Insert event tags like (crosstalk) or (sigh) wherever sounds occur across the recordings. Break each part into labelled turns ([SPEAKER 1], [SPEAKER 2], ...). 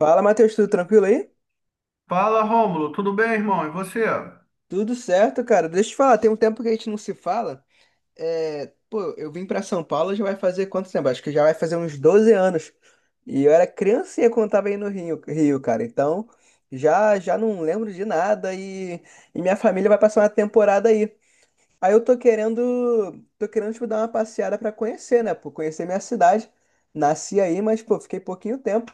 [SPEAKER 1] Fala, Matheus, tudo tranquilo aí?
[SPEAKER 2] Fala, Rômulo, tudo bem, irmão? E você?
[SPEAKER 1] Tudo certo, cara. Deixa eu te falar, tem um tempo que a gente não se fala. É, pô, eu vim pra São Paulo já vai fazer quanto tempo? Acho que já vai fazer uns 12 anos. E eu era criancinha quando tava aí no Rio, cara. Então, já já não lembro de nada e minha família vai passar uma temporada aí. Aí eu tô querendo, tipo, dar uma passeada pra conhecer, né? Pô, conhecer minha cidade. Nasci aí, mas, pô, fiquei pouquinho tempo.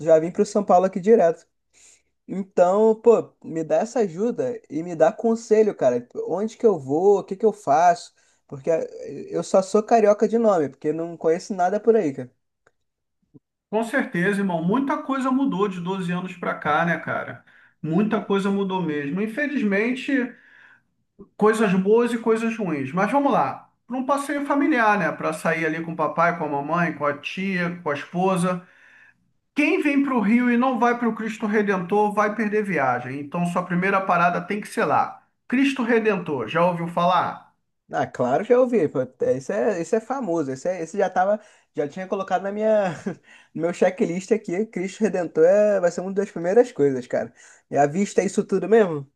[SPEAKER 1] Já vim pro São Paulo aqui direto. Então, pô, me dá essa ajuda e me dá conselho, cara. Onde que eu vou? O que que eu faço? Porque eu só sou carioca de nome, porque não conheço nada por aí, cara.
[SPEAKER 2] Com certeza, irmão, muita coisa mudou de 12 anos pra cá, né, cara? Muita coisa mudou mesmo. Infelizmente, coisas boas e coisas ruins. Mas vamos lá, para um passeio familiar, né? Para sair ali com o papai, com a mamãe, com a tia, com a esposa. Quem vem para o Rio e não vai para o Cristo Redentor vai perder viagem. Então, sua primeira parada tem que ser lá. Cristo Redentor, já ouviu falar?
[SPEAKER 1] Ah, claro, já ouvi. Pô. Esse é famoso. Esse já tinha colocado (laughs) no meu checklist aqui. Cristo Redentor vai ser uma das primeiras coisas, cara. E à vista é isso tudo mesmo?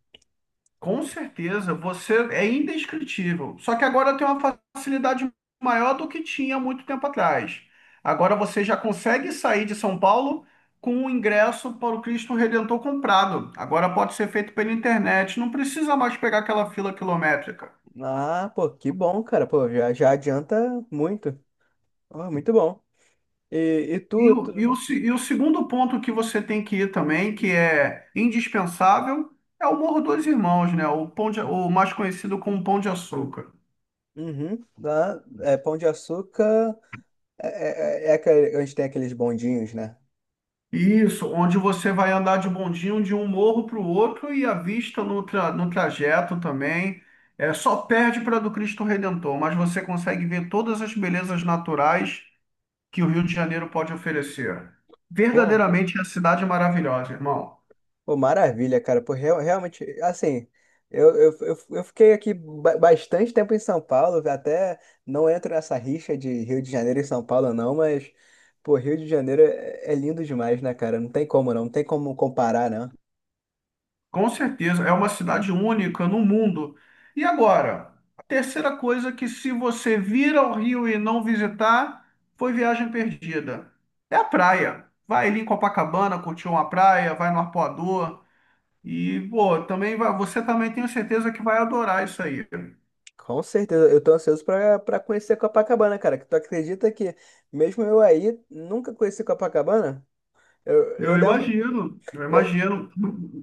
[SPEAKER 2] Com certeza, você é indescritível. Só que agora tem uma facilidade maior do que tinha muito tempo atrás. Agora você já consegue sair de São Paulo com o ingresso para o Cristo Redentor comprado. Agora pode ser feito pela internet, não precisa mais pegar aquela fila quilométrica.
[SPEAKER 1] Ah, pô, que bom, cara. Pô, já adianta muito. Ó, muito bom. E, e tu?
[SPEAKER 2] E o, se- e o segundo ponto que você tem que ir também, que é indispensável, é o Morro dos Irmãos, né? O mais conhecido como Pão de Açúcar.
[SPEAKER 1] Uhum. Lá, Pão de Açúcar é, é onde tem aqueles bondinhos, né?
[SPEAKER 2] Isso, onde você vai andar de bondinho de um morro para o outro e a vista no trajeto também. É, só perde para a do Cristo Redentor, mas você consegue ver todas as belezas naturais que o Rio de Janeiro pode oferecer.
[SPEAKER 1] Pô,
[SPEAKER 2] Verdadeiramente é a cidade maravilhosa, irmão.
[SPEAKER 1] pô, maravilha, cara. Pô, realmente, assim, eu fiquei aqui bastante tempo em São Paulo, até não entro nessa rixa de Rio de Janeiro e São Paulo, não, mas, pô, Rio de Janeiro é lindo demais, né, cara? Não tem como, não, não tem como comparar, né?
[SPEAKER 2] Com certeza, é uma cidade única no mundo. E agora, a terceira coisa que se você vir ao Rio e não visitar, foi viagem perdida. É a praia. Vai ali em Copacabana, curtir uma praia, vai no Arpoador e, pô, também vai, você também tenho certeza que vai adorar isso aí.
[SPEAKER 1] Com certeza, eu tô ansioso pra conhecer Copacabana, cara. Que tu acredita que, mesmo eu aí, nunca conheci Copacabana? Eu,
[SPEAKER 2] Eu
[SPEAKER 1] eu lembro.
[SPEAKER 2] imagino, eu
[SPEAKER 1] Eu-
[SPEAKER 2] imagino.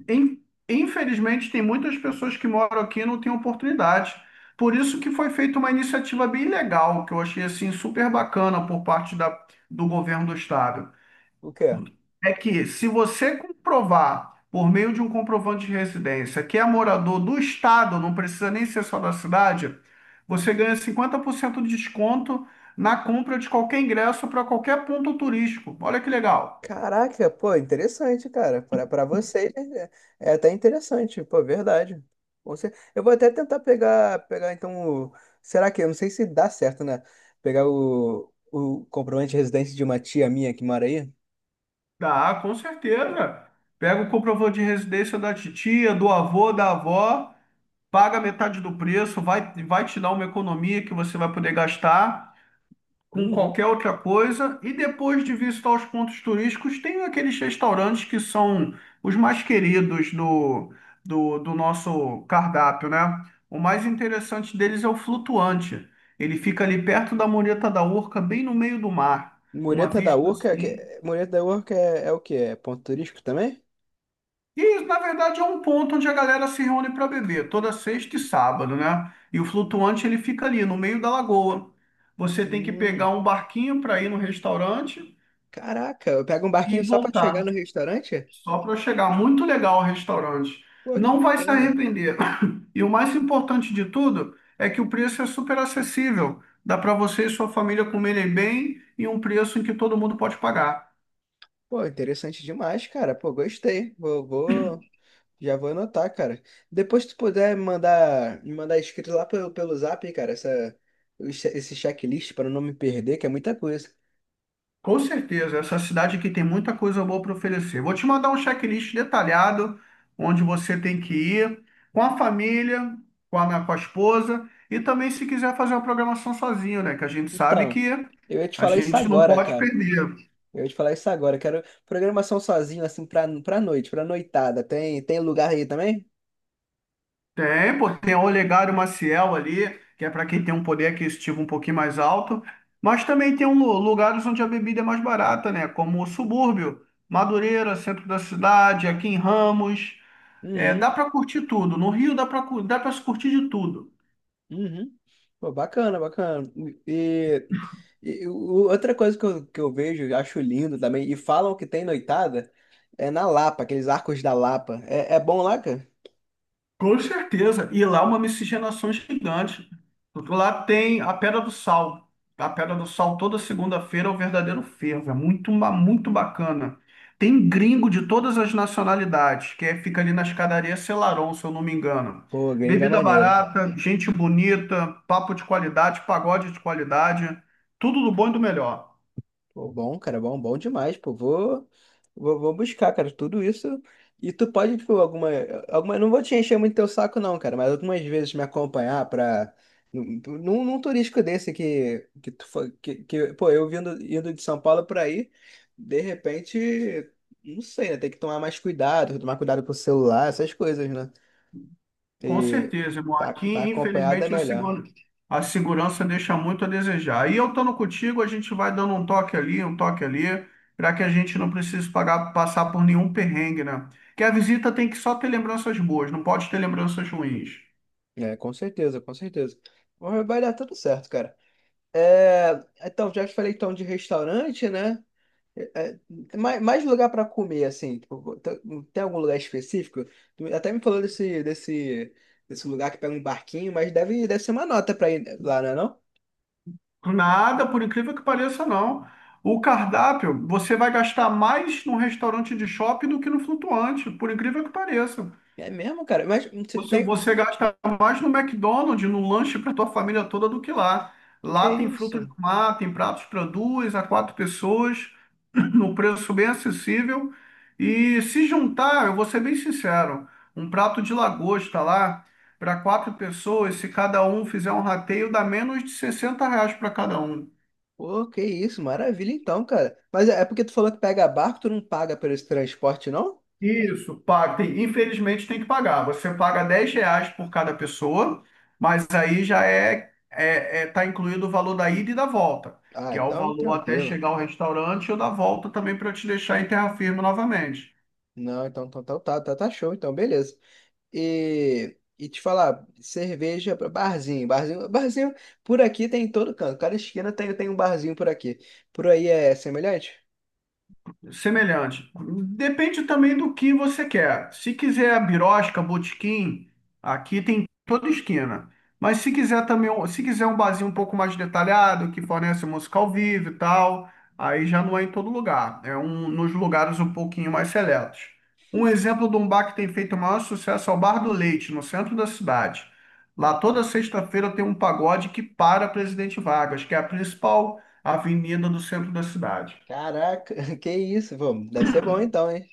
[SPEAKER 2] In- Infelizmente, tem muitas pessoas que moram aqui e não têm oportunidade. Por isso que foi feita uma iniciativa bem legal, que eu achei assim super bacana por parte do governo do estado.
[SPEAKER 1] o quê?
[SPEAKER 2] É que se você comprovar, por meio de um comprovante de residência, que é morador do estado, não precisa nem ser só da cidade, você ganha 50% de desconto na compra de qualquer ingresso para qualquer ponto turístico. Olha que legal.
[SPEAKER 1] Caraca, pô, interessante, cara. Pra vocês é até interessante, pô, verdade. Eu vou até tentar pegar então. Será que? Eu não sei se dá certo, né? Pegar o comprovante de residência de uma tia minha que mora aí.
[SPEAKER 2] Dá, com certeza. Pega o comprovante de residência da titia, do avô, da avó, paga metade do preço, vai, vai te dar uma economia que você vai poder gastar com
[SPEAKER 1] Uhum.
[SPEAKER 2] qualquer outra coisa. E depois de visitar os pontos turísticos, tem aqueles restaurantes que são os mais queridos do nosso cardápio, né? O mais interessante deles é o Flutuante. Ele fica ali perto da Mureta da Urca, bem no meio do mar. Uma
[SPEAKER 1] Mureta da
[SPEAKER 2] vista
[SPEAKER 1] Urca, que,
[SPEAKER 2] assim.
[SPEAKER 1] Mureta da Urca é o quê? É ponto turístico também?
[SPEAKER 2] E isso, na verdade, é um ponto onde a galera se reúne para beber, toda sexta e sábado, né? E o flutuante ele fica ali no meio da lagoa. Você tem que pegar
[SPEAKER 1] Hum,
[SPEAKER 2] um barquinho para ir no restaurante
[SPEAKER 1] caraca, eu pego um
[SPEAKER 2] e
[SPEAKER 1] barquinho só pra
[SPEAKER 2] voltar,
[SPEAKER 1] chegar no restaurante?
[SPEAKER 2] só para chegar. Muito legal o restaurante.
[SPEAKER 1] Pô, que
[SPEAKER 2] Não vai se
[SPEAKER 1] bacana.
[SPEAKER 2] arrepender. (laughs) (clears throat) E o mais importante de tudo é que o preço é super acessível. Dá para você e sua família comerem bem e um preço em que todo mundo pode pagar.
[SPEAKER 1] Pô, interessante demais, cara. Pô, gostei. Já vou anotar, cara. Depois se tu puder me mandar escrito lá pelo Zap, cara, esse checklist para não me perder, que é muita coisa.
[SPEAKER 2] Com certeza, essa cidade aqui tem muita coisa boa para oferecer. Vou te mandar um checklist detalhado, onde você tem que ir, com a família, com a minha, com a esposa, e também se quiser fazer uma programação sozinho, né? Que a gente sabe
[SPEAKER 1] Então,
[SPEAKER 2] que
[SPEAKER 1] eu ia te
[SPEAKER 2] a
[SPEAKER 1] falar isso
[SPEAKER 2] gente não
[SPEAKER 1] agora,
[SPEAKER 2] pode
[SPEAKER 1] cara.
[SPEAKER 2] perder.
[SPEAKER 1] Eu ia te falar isso agora. Quero programação sozinho, assim, pra noite, pra noitada. Tem lugar aí também?
[SPEAKER 2] Tem, pô, tem o Olegário Maciel ali, que é para quem tem um poder aquisitivo um pouquinho mais alto, mas também tem um, lugares onde a bebida é mais barata, né? Como o subúrbio, Madureira, centro da cidade, aqui em Ramos. É, dá
[SPEAKER 1] Uhum.
[SPEAKER 2] para curtir tudo. No Rio dá para se curtir de tudo.
[SPEAKER 1] Uhum. Pô, bacana, bacana. E, e outra coisa que eu vejo, eu acho lindo também, e falam que tem noitada, é na Lapa, aqueles arcos da Lapa. É bom lá, cara?
[SPEAKER 2] Com certeza. E lá é uma miscigenação gigante. Lá tem a Pedra do Sal. A Pedra do Sal toda segunda-feira é o verdadeiro fervo. É muito, muito bacana. Tem gringo de todas as nacionalidades, que é- fica ali na escadaria Selarón, se eu não me engano.
[SPEAKER 1] Pô, gringo é
[SPEAKER 2] Bebida
[SPEAKER 1] maneiro.
[SPEAKER 2] barata, gente bonita, papo de qualidade, pagode de qualidade, tudo do bom e do melhor.
[SPEAKER 1] Pô, bom, cara, bom, bom demais, pô. Vou buscar, cara, tudo isso. E tu pode, tipo, alguma, não vou te encher muito teu saco, não, cara, mas algumas vezes me acompanhar pra, num turístico desse que tu foi, pô, eu indo de São Paulo pra aí, de repente, não sei, né, tem que tomar mais cuidado, tomar cuidado com o celular, essas coisas, né?
[SPEAKER 2] Com
[SPEAKER 1] E
[SPEAKER 2] certeza, irmão.
[SPEAKER 1] tá,
[SPEAKER 2] Aqui,
[SPEAKER 1] tá acompanhado é
[SPEAKER 2] infelizmente,
[SPEAKER 1] melhor.
[SPEAKER 2] a segurança deixa muito a desejar. E eu estando contigo, a gente vai dando um toque ali, para que a gente não precise passar por nenhum perrengue, né? Que a visita tem que só ter lembranças boas, não pode ter lembranças ruins.
[SPEAKER 1] É, com certeza, com certeza. Mas vai dar tudo certo, cara. É, então, já te falei então de restaurante, né? É, é, mais lugar para comer, assim, tipo, tem algum lugar específico? Tu até me falou desse lugar que pega um barquinho, mas deve ser uma nota para ir lá, não é não?
[SPEAKER 2] Nada, por incrível que pareça, não. O cardápio, você vai gastar mais num restaurante de shopping do que no flutuante, por incrível que pareça.
[SPEAKER 1] É mesmo, cara? Mas você
[SPEAKER 2] Você
[SPEAKER 1] tem.
[SPEAKER 2] gasta mais no McDonald's, no lanche para tua família toda do que lá.
[SPEAKER 1] Que
[SPEAKER 2] Lá tem
[SPEAKER 1] isso?
[SPEAKER 2] frutos do mar, tem pratos para duas a quatro pessoas, (clears throat) no preço bem acessível. E se juntar, eu vou ser bem sincero, um prato de lagosta lá para quatro pessoas, se cada um fizer um rateio, dá menos de R$ 60 para cada um.
[SPEAKER 1] Pô, que isso, maravilha então, cara. Mas é por tu falou que pega barco, tu não paga por esse transporte, não?
[SPEAKER 2] Isso, paga. Infelizmente tem que pagar. Você paga R$ 10 por cada pessoa, mas aí já tá incluído o valor da ida e da volta,
[SPEAKER 1] Ah,
[SPEAKER 2] que é o
[SPEAKER 1] então
[SPEAKER 2] valor até
[SPEAKER 1] tranquilo.
[SPEAKER 2] chegar ao restaurante ou da volta também para te deixar em terra firme novamente.
[SPEAKER 1] Não, então tá show, então beleza. E te falar, cerveja para barzinho por aqui tem em todo canto, cada esquina tem um barzinho por aqui. Por aí é semelhante?
[SPEAKER 2] Semelhante. Depende também do que você quer. Se quiser a birosca, botequim, aqui tem em toda esquina. Mas se quiser também, se quiser um barzinho um pouco mais detalhado, que fornece música ao vivo e tal, aí já não é em todo lugar. É um, nos lugares um pouquinho mais seletos. Um exemplo de um bar que tem feito o maior sucesso é o Bar do Leite, no centro da cidade. Lá toda sexta-feira tem um pagode que para Presidente Vargas, que é a principal avenida do centro da cidade.
[SPEAKER 1] Caraca, (laughs) que isso, pô, deve ser bom então, hein?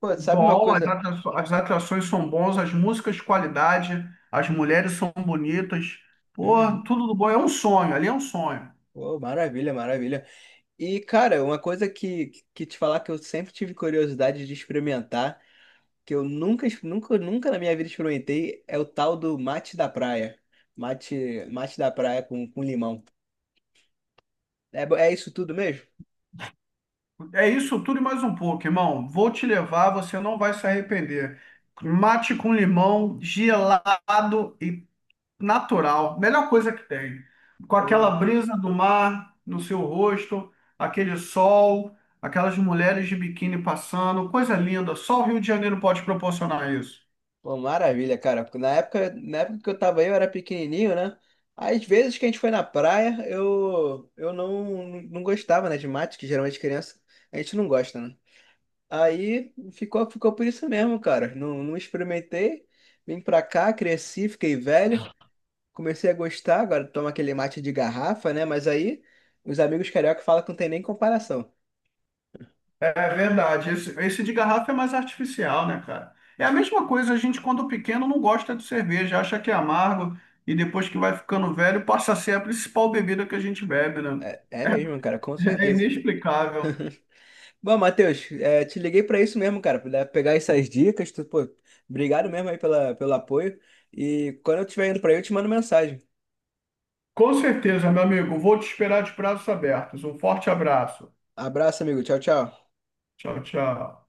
[SPEAKER 1] Pô, sabe uma
[SPEAKER 2] Bom,
[SPEAKER 1] coisa?
[SPEAKER 2] as atrações são bons, as músicas de qualidade, as mulheres são bonitas. Pô,
[SPEAKER 1] Uhum.
[SPEAKER 2] tudo do bom. É um sonho, ali é um sonho.
[SPEAKER 1] Pô, maravilha, maravilha. E, cara, uma coisa que te falar que eu sempre tive curiosidade de experimentar, que eu nunca, ex- nunca, nunca na minha vida experimentei, é o tal do mate da praia. Mate da praia com limão. É isso tudo mesmo?
[SPEAKER 2] É isso tudo e mais um pouco, irmão. Vou te levar, você não vai se arrepender. Mate com limão, gelado e natural. Melhor coisa que tem. Com
[SPEAKER 1] Pô,
[SPEAKER 2] aquela brisa do mar no seu rosto, aquele sol, aquelas mulheres de biquíni passando. Coisa linda. Só o Rio de Janeiro pode proporcionar isso.
[SPEAKER 1] Pô, maravilha, cara. Na época que eu tava aí, eu era pequenininho, né? Às vezes que a gente foi na praia, eu não, não gostava, né, de mate, que geralmente criança a gente não gosta, né? Aí ficou por isso mesmo, cara. Não, não experimentei. Vim pra cá, cresci, fiquei velho. Comecei a gostar, agora tomo aquele mate de garrafa, né? Mas aí os amigos carioca falam que não tem nem comparação.
[SPEAKER 2] É verdade. Esse de garrafa é mais artificial, né, cara? É a mesma coisa, a gente, quando pequeno, não gosta de cerveja, acha que é amargo e depois que vai ficando velho, passa a ser a principal bebida que a gente bebe, né?
[SPEAKER 1] É, é mesmo,
[SPEAKER 2] (laughs)
[SPEAKER 1] cara, com
[SPEAKER 2] É
[SPEAKER 1] certeza.
[SPEAKER 2] inexplicável.
[SPEAKER 1] Bom, Matheus, te liguei pra isso mesmo, cara, pra pegar essas dicas. Pô, obrigado mesmo aí pelo apoio. E quando eu estiver indo pra aí, eu te mando mensagem.
[SPEAKER 2] Com certeza, meu amigo. Vou te esperar de braços abertos. Um forte abraço.
[SPEAKER 1] Abraço, amigo. Tchau, tchau.
[SPEAKER 2] Tchau, tchau.